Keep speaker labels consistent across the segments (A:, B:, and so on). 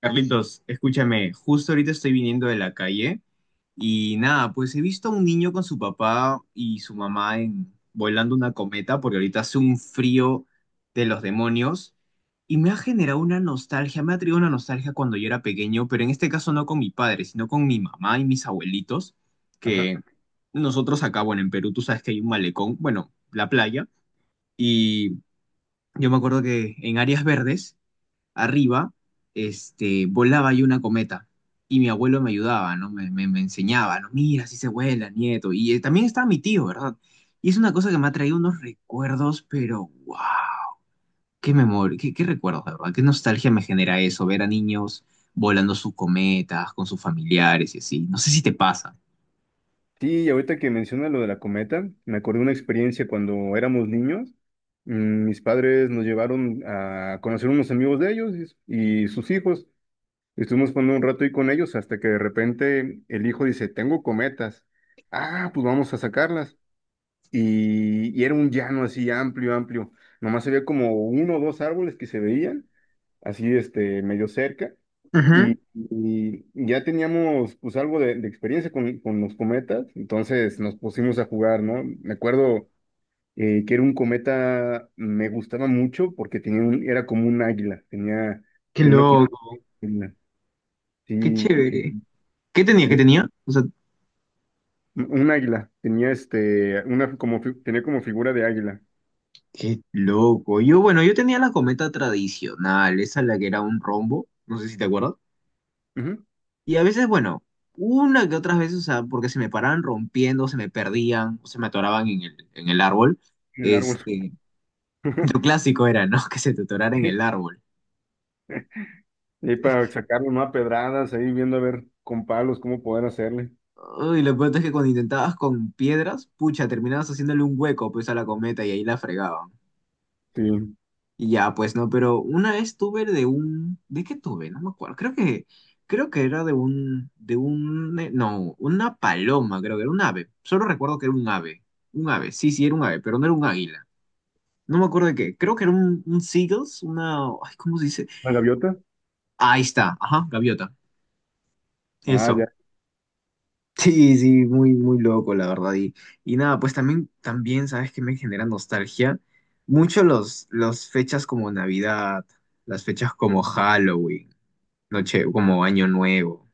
A: Carlitos, escúchame, justo ahorita estoy viniendo de la calle y nada, pues he visto a un niño con su papá y su mamá en, volando una cometa porque ahorita hace un frío de los demonios y me ha generado una nostalgia, me ha traído una nostalgia cuando yo era pequeño, pero en este caso no con mi padre, sino con mi mamá y mis abuelitos,
B: Ajá.
A: que nosotros acá, bueno, en Perú tú sabes que hay un malecón, bueno, la playa, y yo me acuerdo que en áreas verdes arriba, volaba ahí una cometa. Y mi abuelo me ayudaba, ¿no? Me enseñaba, ¿no? Mira, así se vuela, nieto. Y también estaba mi tío, ¿verdad? Y es una cosa que me ha traído unos recuerdos, pero wow, qué memoria, qué recuerdos, de verdad. Qué nostalgia me genera eso, ver a niños volando sus cometas con sus familiares y así. No sé si te pasa.
B: Sí, y ahorita que menciona lo de la cometa, me acordé de una experiencia cuando éramos niños. Mis padres nos llevaron a conocer unos amigos de ellos y sus hijos. Estuvimos jugando un rato ahí con ellos hasta que de repente el hijo dice, tengo cometas. Ah, pues vamos a sacarlas. Y era un llano así amplio, amplio. Nomás había como uno o dos árboles que se veían, así medio cerca,
A: Ujú.
B: y ya teníamos pues algo de experiencia con los cometas, entonces nos pusimos a jugar, ¿no? Me acuerdo que era un cometa, me gustaba mucho porque era como un águila, tenía,
A: Qué
B: tenía una como
A: loco,
B: águila,
A: qué
B: sí,
A: chévere.
B: y,
A: ¿Qué tenía?
B: y
A: ¿Qué tenía? O sea,
B: un águila, tenía una como, tenía como figura de águila,
A: qué loco. Yo, bueno, yo tenía la cometa tradicional, esa la que era un rombo, no sé si te acuerdas.
B: ujú,
A: Y a veces, bueno, una que otras veces, o sea, porque se me paraban rompiendo, se me perdían, o se me atoraban en el árbol.
B: en el árbol.
A: Este, lo clásico era, ¿no? Que se te atorara en el árbol.
B: Y para sacarlo, ¿no? A pedradas, ahí viendo a ver con palos cómo poder hacerle.
A: Uy, lo peor es que cuando intentabas con piedras, pucha, terminabas haciéndole un hueco pues a la cometa y ahí la fregaban.
B: Sí.
A: Y ya, pues no, pero una vez tuve de un, ¿de qué tuve? No me acuerdo. Creo que era de un, no, una paloma, creo que era un ave. Solo recuerdo que era un ave. Sí, sí, era un ave, pero no era un águila. No me acuerdo de qué. Creo que era un seagulls, una, ay, ¿cómo se dice?
B: ¿La gaviota?
A: Ahí está, ajá, gaviota.
B: Ah,
A: Eso.
B: ya.
A: Sí, sí, muy loco, la verdad. Y nada, pues también, ¿sabes que me genera nostalgia? Mucho los fechas como Navidad, las fechas como Halloween, noche, como Año Nuevo.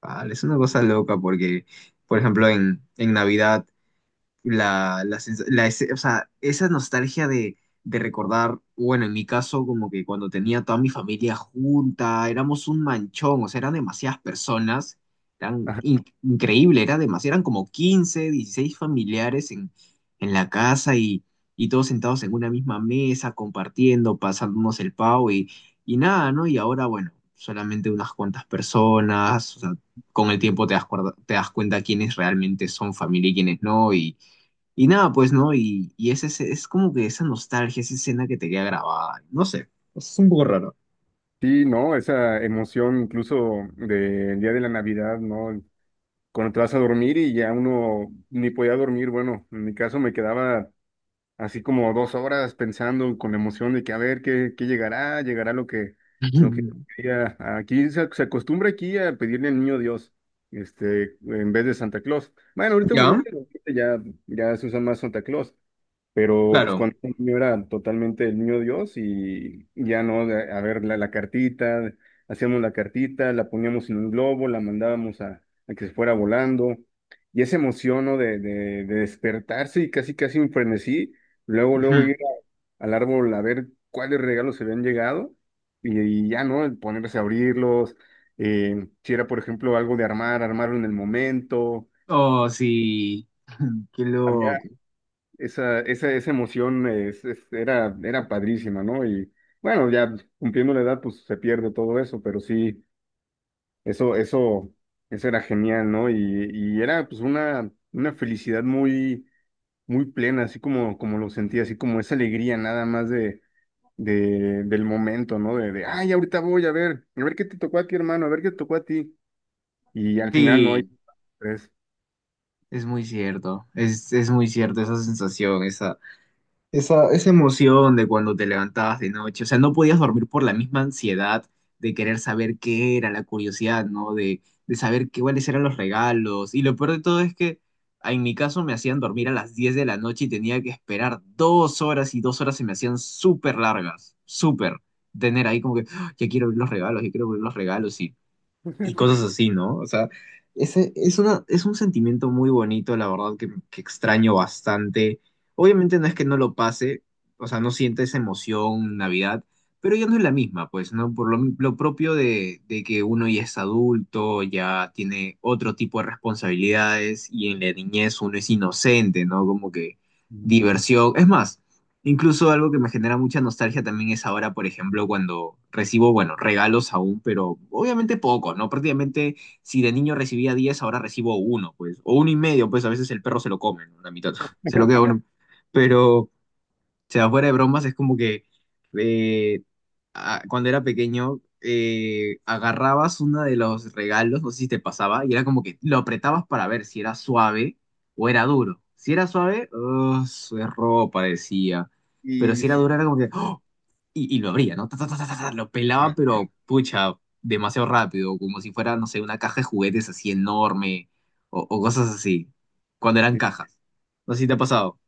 A: Vale, es una cosa loca porque, por ejemplo, en Navidad la, la, sens- la ese- o sea, esa nostalgia de recordar, bueno, en mi caso, como que cuando tenía toda mi familia junta, éramos un manchón, o sea, eran demasiadas personas, increíble, eran como 15 16 familiares en la casa y todos sentados en una misma mesa, compartiendo, pasándonos el pavo y nada, ¿no? Y ahora, bueno, solamente unas cuantas personas, o sea, con el tiempo te das cuenta quiénes realmente son familia y quiénes no, y nada, pues, ¿no? Es como que esa nostalgia, esa escena que te queda grabada. No sé, es un poco raro.
B: Sí, no, esa emoción incluso del día de la Navidad, ¿no? Cuando te vas a dormir y ya uno ni podía dormir, bueno, en mi caso me quedaba así como dos horas pensando con la emoción de que a ver qué, qué llegará, llegará lo que quería. Aquí se acostumbra aquí a pedirle al niño Dios, en vez de Santa Claus. Bueno,
A: ¿Ya?
B: ahorita ya, ya se usa más Santa Claus, pero pues
A: Claro.
B: cuando era niño era totalmente el niño Dios. Y ya no, a ver, la cartita, hacíamos la cartita, la poníamos en un globo, la mandábamos a que se fuera volando. Y esa emoción, ¿no? De despertarse y casi, casi un frenesí, luego, luego
A: Ujú.
B: ir al árbol a ver cuáles regalos se habían llegado y ya, ¿no? El ponerse a abrirlos. Si era, por ejemplo, algo de armar, armarlo en el momento.
A: Oh, sí. Qué loco.
B: Esa emoción era, era padrísima, ¿no? Y bueno, ya cumpliendo la edad, pues se pierde todo eso, pero sí, eso, eso, eso era genial, ¿no? Y era pues una felicidad muy, muy plena, así como, como lo sentía, así como esa alegría nada más de, del momento, ¿no? Ay, ahorita voy a ver qué te tocó a ti, hermano, a ver qué te tocó a ti. Y al final no hay
A: Sí,
B: tres.
A: es muy cierto. Es muy cierto esa sensación, esa. Esa emoción de cuando te levantabas de noche, o sea, no podías dormir por la misma ansiedad de querer saber qué era, la curiosidad, ¿no? De saber qué, cuáles eran los regalos. Y lo peor de todo es que en mi caso me hacían dormir a las 10 de la noche y tenía que esperar 2 horas y 2 horas se me hacían súper largas, súper. Tener ahí como que, "Ah, ya quiero ver los regalos, ya quiero ver los regalos". Y cosas así, ¿no? O sea, ese es una, es un sentimiento muy bonito, la verdad, que extraño bastante. Obviamente no es que no lo pase, o sea, no siente esa emoción Navidad, pero ya no es la misma, pues, ¿no? Por lo propio de que uno ya es adulto, ya tiene otro tipo de responsabilidades y en la niñez uno es inocente, ¿no? Como que
B: Ujú.
A: diversión. Es más, incluso algo que me genera mucha nostalgia también es ahora, por ejemplo, cuando recibo, bueno, regalos aún, pero obviamente poco, ¿no? Prácticamente si de niño recibía 10 ahora recibo uno, pues, o uno y medio, pues a veces el perro se lo come, ¿no? La mitad, se lo queda uno. Pero sea, fuera de bromas, es como que eh, cuando era pequeño agarrabas uno de los regalos, no sé si te pasaba, y era como que lo apretabas para ver si era suave o era duro. Si era suave, oh, su error parecía. Pero
B: Y
A: si era
B: sí.
A: duro, era como que ¡oh! Y lo abría, ¿no? Ta, ta, ta, ta, ta, ta, lo pelaba, pero pucha, demasiado rápido, como si fuera, no sé, una caja de juguetes así enorme o cosas así, cuando eran cajas. No sé si te ha pasado.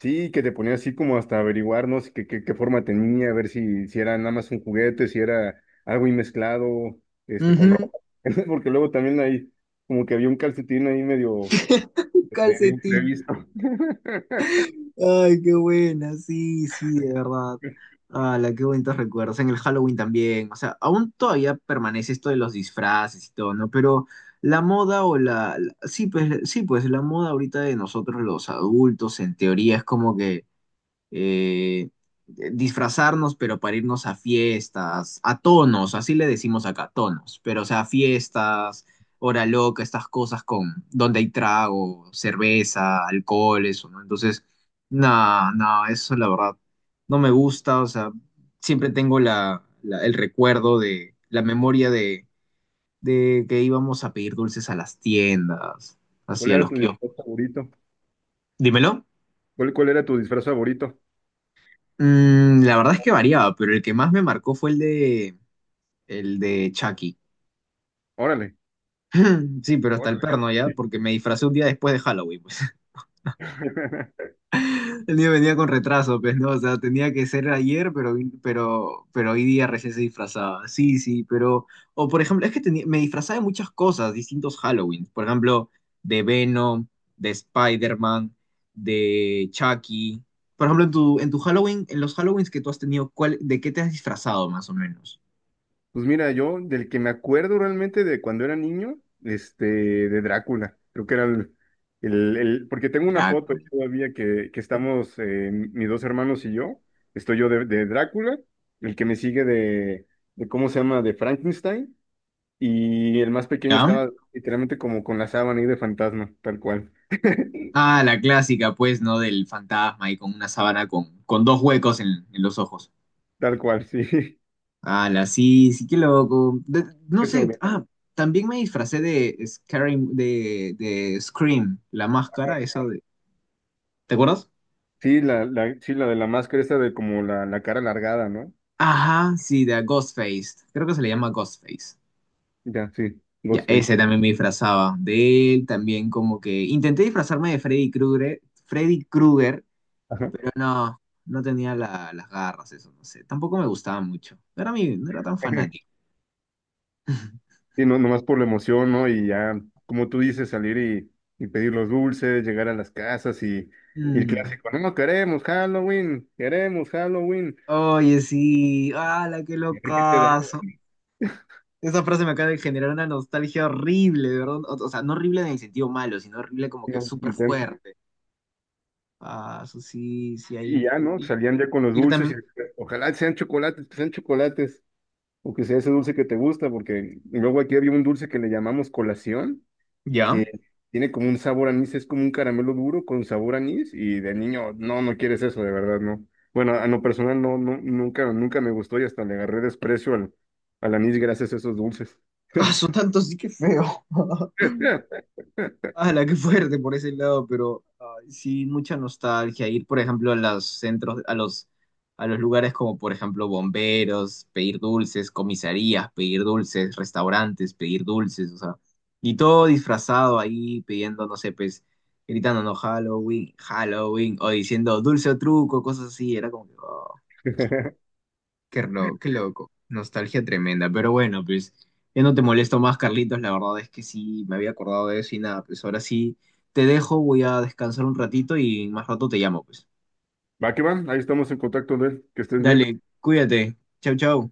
B: Sí, que te ponía así como hasta averiguar, ¿no? Si qué, qué, qué forma tenía, a ver si, si era nada más un juguete, si era algo ahí mezclado, con ropa. Porque luego también ahí, como que había un calcetín ahí medio
A: Un
B: de
A: calcetín.
B: imprevisto.
A: Ay, qué buena, sí, sí, de verdad. La, qué bonitos recuerdos. En el Halloween también. O sea, aún todavía permanece esto de los disfraces y todo, ¿no? Pero la moda o la. La- sí, pues la moda ahorita de nosotros los adultos, en teoría, es como que eh, disfrazarnos, pero para irnos a fiestas, a tonos, así le decimos acá, tonos, pero o sea, fiestas, hora loca, estas cosas con donde hay trago, cerveza, alcohol, eso, ¿no? Entonces, nada, eso la verdad no me gusta, o sea, siempre tengo el recuerdo de la memoria de que íbamos a pedir dulces a las tiendas,
B: ¿Cuál
A: así a
B: era
A: los
B: tu
A: kioscos.
B: disfraz favorito?
A: Dímelo.
B: Cuál era tu disfraz favorito?
A: Mm, la verdad es que variaba, pero el que más me marcó fue el de Chucky.
B: Órale.
A: Sí, pero hasta el
B: Órale.
A: perno ya, porque me disfracé un día después de Halloween, pues. El niño venía con retraso, pues, ¿no? O sea, tenía que ser ayer, pero, pero hoy día recién se disfrazaba. Sí, sí, pero... O, por ejemplo, es que tenía- me disfrazaba de muchas cosas, distintos Halloween. Por ejemplo, de Venom, de Spider-Man, de Chucky. Por ejemplo, en tu Halloween, en los Halloweens que tú has tenido, ¿cuál, de qué te has disfrazado, más o menos?
B: Pues mira, yo del que me acuerdo realmente de cuando era niño, este, de Drácula, creo que era porque tengo una foto
A: Drácula.
B: todavía que estamos, mis dos hermanos y yo, estoy yo de Drácula, el que me sigue de, ¿cómo se llama?, de Frankenstein, y el más pequeño
A: ¿Ya?
B: estaba literalmente como con la sábana ahí de fantasma,
A: Ah, la clásica, pues, ¿no? Del fantasma y con una sábana con dos huecos en los ojos.
B: tal cual, sí,
A: Ah, la sí, sí, qué loco. De- no
B: eso,
A: sé, ah, también me disfracé de, Scary- de Scream, la máscara, esa de... ¿Te acuerdas?
B: sí, sí, la de la máscara esta de como la cara alargada, ¿no?
A: Ajá, sí, de Ghostface. Creo que se le llama Ghostface.
B: Ya, sí,
A: Ya,
B: Ghostface,
A: ese también me disfrazaba. De él también como que... Intenté disfrazarme de Freddy Krueger,
B: ajá.
A: pero no, no tenía la- las garras, eso, no sé. Tampoco me gustaba mucho. No era tan fanático.
B: Y no, nomás por la emoción, ¿no? Y ya, como tú dices, salir y pedir los dulces, llegar a las casas y el
A: Mm.
B: clásico, no, no queremos Halloween, queremos Halloween,
A: Oye, sí, ¡hala, qué
B: y a ver qué te da,
A: locazo! Esa frase me acaba de generar una nostalgia horrible, ¿verdad? O sea, no horrible en el sentido malo, sino horrible como que
B: ¿no?
A: súper
B: Intenso.
A: fuerte. Ah, eso sí, sí, ahí.
B: Y ya, ¿no?
A: Y,
B: Salían ya con los
A: ir
B: dulces y
A: también.
B: ojalá sean chocolates, que sean chocolates, o que sea ese dulce que te gusta, porque luego aquí había un dulce que le llamamos colación
A: ¿Ya?
B: que tiene como un sabor a anís, es como un caramelo duro con sabor a anís y de niño, no, no quieres eso, de verdad, no. Bueno, a lo personal no, nunca, nunca me gustó y hasta le agarré desprecio al anís gracias a esos dulces.
A: Ah, son tantos, sí que feo. La, qué fuerte por ese lado, pero ay, sí, mucha nostalgia. Ir, por ejemplo, a los centros, a los lugares como, por ejemplo, bomberos, pedir dulces, comisarías, pedir dulces, restaurantes, pedir dulces, o sea, y todo disfrazado ahí, pidiendo, no sé, pues, gritando, no, Halloween, Halloween, o diciendo dulce o truco, cosas así. Era como que, qué, ro- qué loco, nostalgia tremenda. Pero bueno, pues ya no te molesto más, Carlitos. La verdad es que sí, me había acordado de eso y nada, pues ahora sí te dejo, voy a descansar un ratito y más rato te llamo, pues.
B: Va que va, ahí estamos en contacto de él, que estés bien.
A: Dale, cuídate. Chau, chau.